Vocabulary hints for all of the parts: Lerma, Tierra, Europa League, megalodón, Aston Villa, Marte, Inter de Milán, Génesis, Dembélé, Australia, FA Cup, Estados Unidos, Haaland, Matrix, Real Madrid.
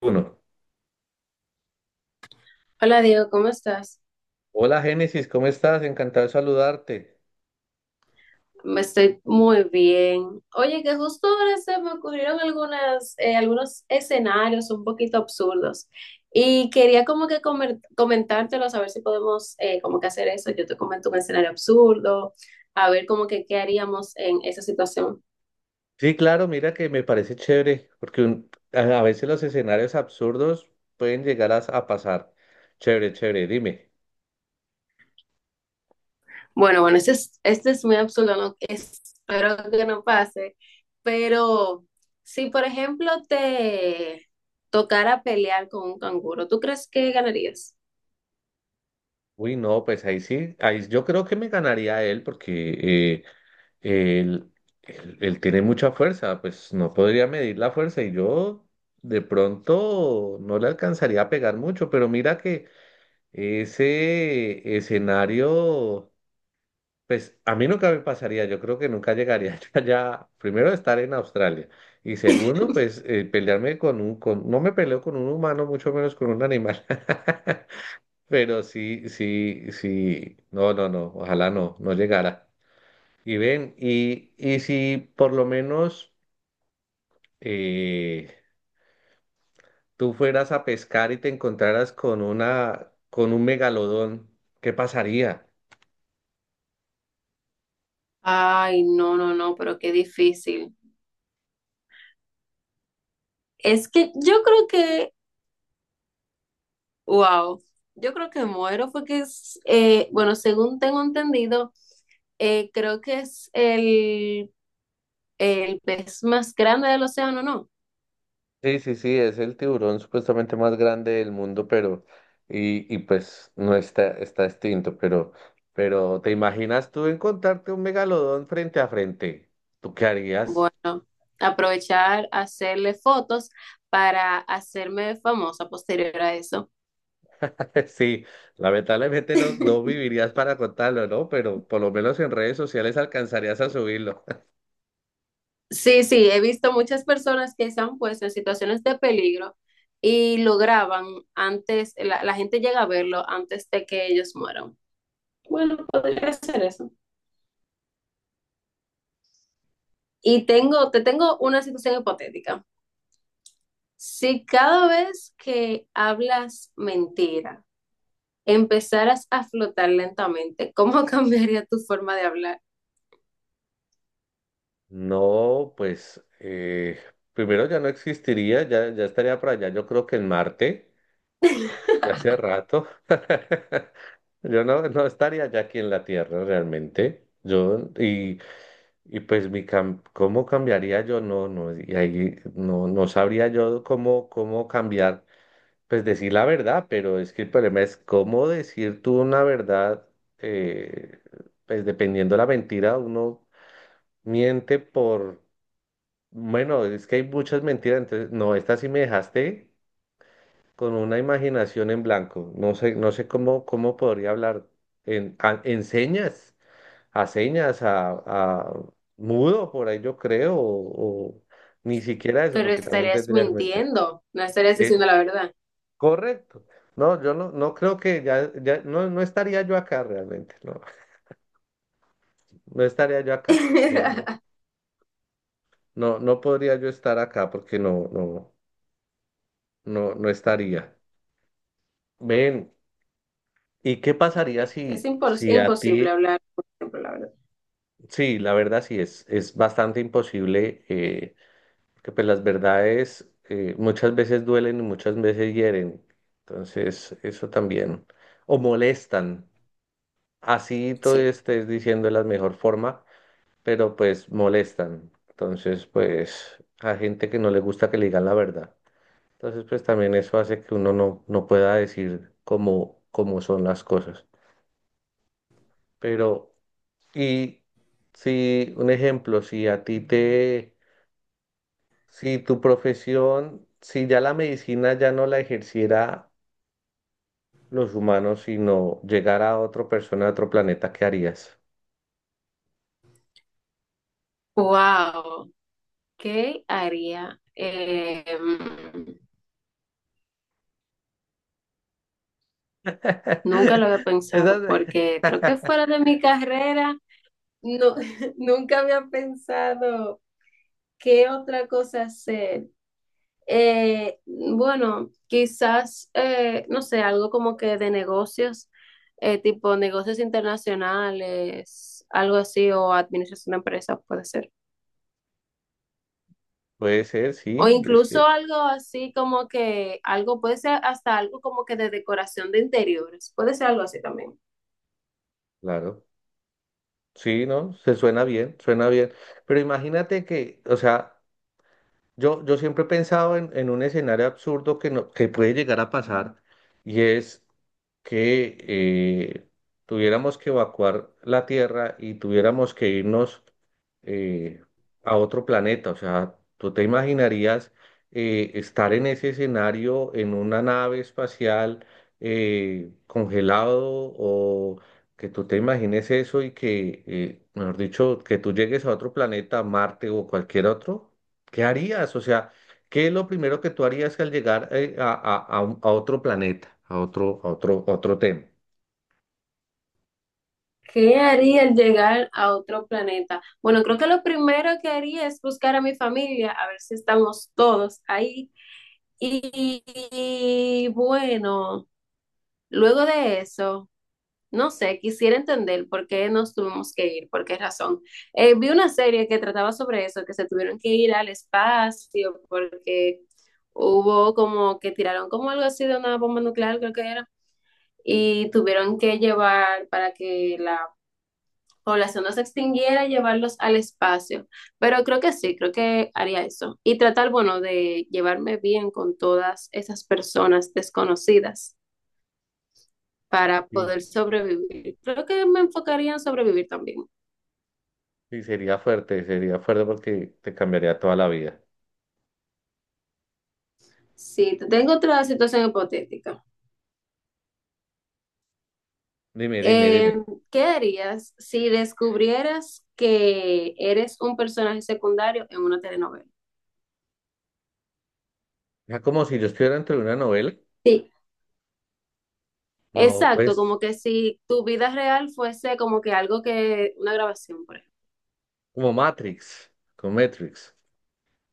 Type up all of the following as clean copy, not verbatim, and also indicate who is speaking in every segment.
Speaker 1: Uno.
Speaker 2: Hola Diego, ¿cómo estás?
Speaker 1: Hola Génesis, ¿cómo estás? Encantado de saludarte.
Speaker 2: Me estoy muy bien. Oye, que justo ahora se me ocurrieron algunas, algunos escenarios un poquito absurdos y quería como que comentártelos, a ver si podemos como que hacer eso. Yo te comento un escenario absurdo, a ver como que qué haríamos en esa situación.
Speaker 1: Sí, claro, mira que me parece chévere, porque a veces los escenarios absurdos pueden llegar a pasar. Chévere, chévere, dime.
Speaker 2: Bueno, este es muy absurdo, espero que no pase, pero si por ejemplo te tocara pelear con un canguro, ¿tú crees que ganarías?
Speaker 1: Uy, no, pues ahí sí, ahí yo creo que me ganaría a él porque él, él tiene mucha fuerza, pues no podría medir la fuerza y yo de pronto no le alcanzaría a pegar mucho, pero mira que ese escenario... Pues a mí nunca me pasaría, yo creo que nunca llegaría yo allá, primero estar en Australia y segundo, pues pelearme con un, con, no me peleo con un humano, mucho menos con un animal, pero sí, sí, sí, no, no, no, ojalá no llegara. Y ven, y si por lo menos eh, tú fueras a pescar y te encontraras con un megalodón, ¿qué pasaría?
Speaker 2: Ay, no, no, no, pero qué difícil. Es que yo creo que, wow, yo creo que muero porque es, bueno, según tengo entendido, creo que es el pez más grande del océano, ¿no?
Speaker 1: Sí, sí, sí, es el tiburón supuestamente más grande del mundo, pero, y pues no está, está extinto, pero ¿te imaginas tú encontrarte un megalodón frente a frente? ¿Tú qué harías?
Speaker 2: Bueno, aprovechar, hacerle fotos para hacerme famosa posterior a eso.
Speaker 1: Sí, lamentablemente no vivirías para contarlo, ¿no? Pero por lo menos en redes sociales alcanzarías a subirlo.
Speaker 2: Sí, sí, he visto muchas personas que se han puesto en situaciones de peligro y lo graban antes, la gente llega a verlo antes de que ellos mueran. Bueno, podría ser eso. Y te tengo una situación hipotética. Si cada vez que hablas mentira, empezaras a flotar lentamente, ¿cómo cambiaría tu forma de hablar?
Speaker 1: No, pues primero ya no existiría, ya estaría por allá, yo creo que en Marte, ya hace rato. Yo no estaría ya aquí en la Tierra realmente. Yo, y pues ¿cómo cambiaría yo? No, no, y ahí no sabría yo cómo cambiar, pues decir la verdad, pero es que el problema es cómo decir tú una verdad, eh, pues dependiendo de la mentira, uno miente por, bueno, es que hay muchas mentiras, entonces, no, esta sí me dejaste con una imaginación en blanco. No sé, no sé cómo podría hablar en señas a señas, a mudo, por ahí yo creo, o ni siquiera eso,
Speaker 2: Pero
Speaker 1: porque también
Speaker 2: estarías
Speaker 1: tendría que meter.
Speaker 2: mintiendo, no estarías diciendo
Speaker 1: Es
Speaker 2: la verdad.
Speaker 1: correcto. No, yo no creo que ya no estaría yo acá realmente, no, no estaría yo acá, no, no, no, no podría yo estar acá porque no, no, no, no estaría. Ven, ¿y qué pasaría
Speaker 2: Es
Speaker 1: si, si a
Speaker 2: imposible
Speaker 1: ti,
Speaker 2: hablar, por ejemplo, la verdad.
Speaker 1: sí, la verdad sí, es bastante imposible. Porque pues las verdades muchas veces duelen y muchas veces hieren. Entonces, eso también. O molestan. Así todo
Speaker 2: Sí.
Speaker 1: estés diciendo de la mejor forma, pero pues molestan. Entonces, pues a gente que no le gusta que le digan la verdad. Entonces, pues también eso hace que uno no pueda decir cómo son las cosas. Pero, y si un ejemplo, si a ti te si tu profesión, si ya la medicina ya no la ejerciera los humanos, sino llegara a otra persona de otro planeta, ¿qué harías?
Speaker 2: Wow, ¿qué haría? Nunca lo había pensado
Speaker 1: Esa-
Speaker 2: porque creo que fuera de mi carrera. No, nunca había pensado qué otra cosa hacer. Bueno, quizás, no sé, algo como que de negocios, tipo negocios internacionales, algo así, o administración de empresas puede ser.
Speaker 1: Puede ser,
Speaker 2: O
Speaker 1: sí, es que,
Speaker 2: incluso algo así como que, algo puede ser hasta algo como que de decoración de interiores, puede ser algo así también.
Speaker 1: claro, sí, ¿no? Se suena bien, suena bien. Pero imagínate que, o sea, yo siempre he pensado en un escenario absurdo que, no, que puede llegar a pasar y es... que tuviéramos que evacuar la Tierra y tuviéramos que irnos eh, a otro planeta. O sea, ¿tú te imaginarías estar en ese escenario en una nave espacial congelado o que tú te imagines eso y que, mejor dicho, que tú llegues a otro planeta, Marte o cualquier otro? ¿Qué harías? O sea... ¿Qué es lo primero que tú harías al llegar a otro planeta, a otro tema?
Speaker 2: ¿Qué haría al llegar a otro planeta? Bueno, creo que lo primero que haría es buscar a mi familia, a ver si estamos todos ahí. Y, y bueno, luego de eso, no sé, quisiera entender por qué nos tuvimos que ir, por qué razón. Vi una serie que trataba sobre eso, que se tuvieron que ir al espacio porque hubo como que tiraron como algo así de una bomba nuclear, creo que era, y tuvieron que llevar para que la población no se extinguiera, llevarlos al espacio. Pero creo que sí, creo que haría eso. Y tratar, bueno, de llevarme bien con todas esas personas desconocidas para
Speaker 1: Sí.
Speaker 2: poder sobrevivir. Creo que me enfocaría en sobrevivir también.
Speaker 1: Sí, sería fuerte porque te cambiaría toda la vida.
Speaker 2: Sí, tengo otra situación hipotética.
Speaker 1: Dime, dime,
Speaker 2: Eh,
Speaker 1: dime.
Speaker 2: ¿Qué harías si descubrieras que eres un personaje secundario en una telenovela?
Speaker 1: Ya como si yo estuviera entre una novela.
Speaker 2: Sí,
Speaker 1: No,
Speaker 2: exacto,
Speaker 1: pues,
Speaker 2: como que si tu vida real fuese como que algo que una grabación, por ejemplo.
Speaker 1: como Matrix, como Matrix.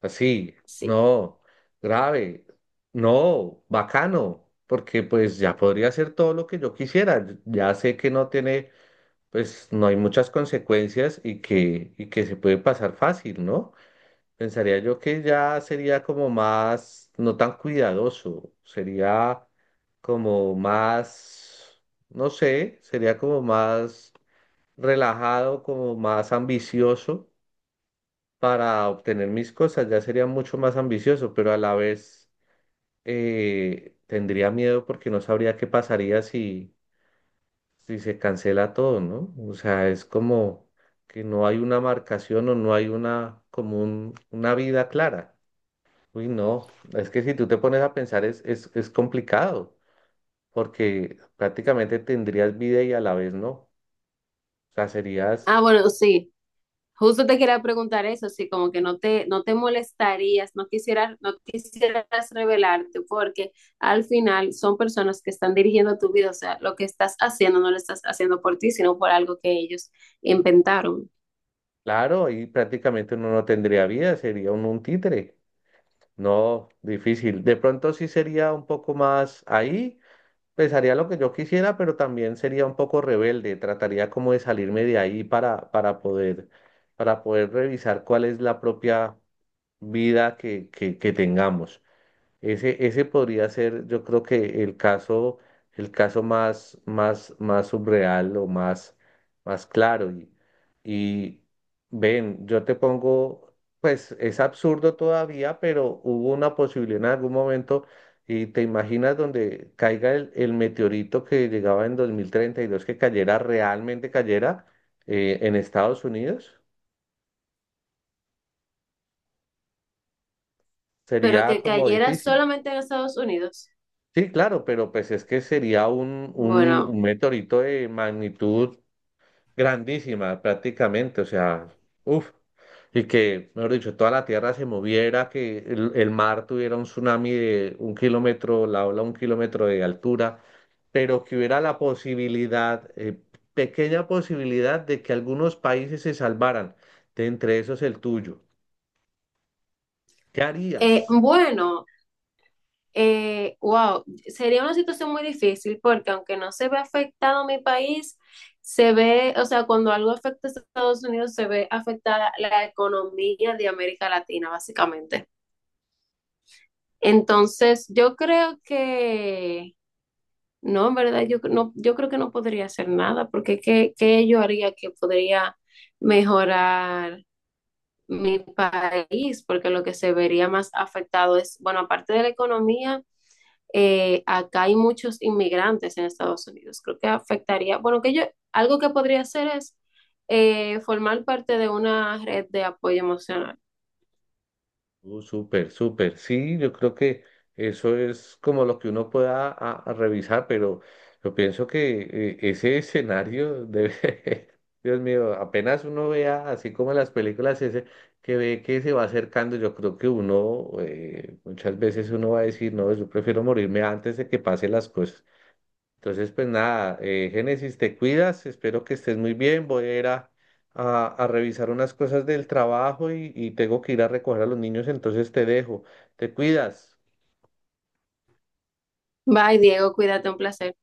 Speaker 1: Así,
Speaker 2: Sí.
Speaker 1: no, grave, no, bacano, porque pues ya podría hacer todo lo que yo quisiera. Ya sé que no tiene, pues no hay muchas consecuencias y que, se puede pasar fácil, ¿no? Pensaría yo que ya sería como más, no tan cuidadoso, sería como más, no sé, sería como más relajado, como más ambicioso para obtener mis cosas, ya sería mucho más ambicioso, pero a la vez tendría miedo porque no sabría qué pasaría si se cancela todo, ¿no? O sea, es como que no hay una marcación o no hay una, como una vida clara. Uy, no, es que si tú te pones a pensar es complicado, porque prácticamente tendrías vida y a la vez no. O sea, serías,
Speaker 2: Ah, bueno, sí. Justo te quería preguntar eso, sí, como que no te, no te molestarías, no quisieras, no quisieras revelarte, porque al final son personas que están dirigiendo tu vida, o sea, lo que estás haciendo no lo estás haciendo por ti, sino por algo que ellos inventaron.
Speaker 1: claro, ahí prácticamente uno no tendría vida, sería un títere. No, difícil. De pronto sí sería un poco más ahí, pensaría lo que yo quisiera, pero también sería un poco rebelde, trataría como de salirme de ahí para, para poder revisar cuál es la propia vida que tengamos. Ese podría ser, yo creo que el caso, más subreal o más claro. Y ven, yo te pongo, pues es absurdo todavía, pero hubo una posibilidad en algún momento y te imaginas donde caiga el meteorito que llegaba en 2032, que cayera, realmente cayera en Estados Unidos,
Speaker 2: Pero
Speaker 1: sería
Speaker 2: que
Speaker 1: como
Speaker 2: cayera
Speaker 1: difícil.
Speaker 2: solamente en Estados Unidos.
Speaker 1: Sí, claro, pero pues es que sería
Speaker 2: Bueno,
Speaker 1: un meteorito de magnitud grandísima prácticamente, o sea, uff, y que, mejor dicho, toda la Tierra se moviera, que el mar tuviera un tsunami de un kilómetro, la ola un kilómetro de altura, pero que hubiera la posibilidad, pequeña posibilidad de que algunos países se salvaran, de entre esos el tuyo. ¿Qué harías?
Speaker 2: bueno. Wow, sería una situación muy difícil porque aunque no se ve afectado mi país, se ve, o sea, cuando algo afecta a Estados Unidos, se ve afectada la economía de América Latina, básicamente. Entonces, yo creo que, no, en verdad, yo, no, yo creo que no podría hacer nada porque ¿qué, qué yo haría que podría mejorar mi país? Porque lo que se vería más afectado es, bueno, aparte de la economía acá hay muchos inmigrantes en Estados Unidos. Creo que afectaría, bueno, que yo, algo que podría hacer es formar parte de una red de apoyo emocional.
Speaker 1: Súper, súper. Sí, yo creo que eso es como lo que uno pueda a revisar, pero yo pienso que ese escenario debe, Dios mío, apenas uno vea, así como en las películas, ese que ve que se va acercando, yo creo que uno, muchas veces uno va a decir, no, yo prefiero morirme antes de que pasen las cosas. Entonces, pues nada, Génesis, te cuidas, espero que estés muy bien, voy a ir a revisar unas cosas del trabajo y tengo que ir a recoger a los niños, entonces te dejo, te cuidas.
Speaker 2: Bye, Diego, cuídate, un placer.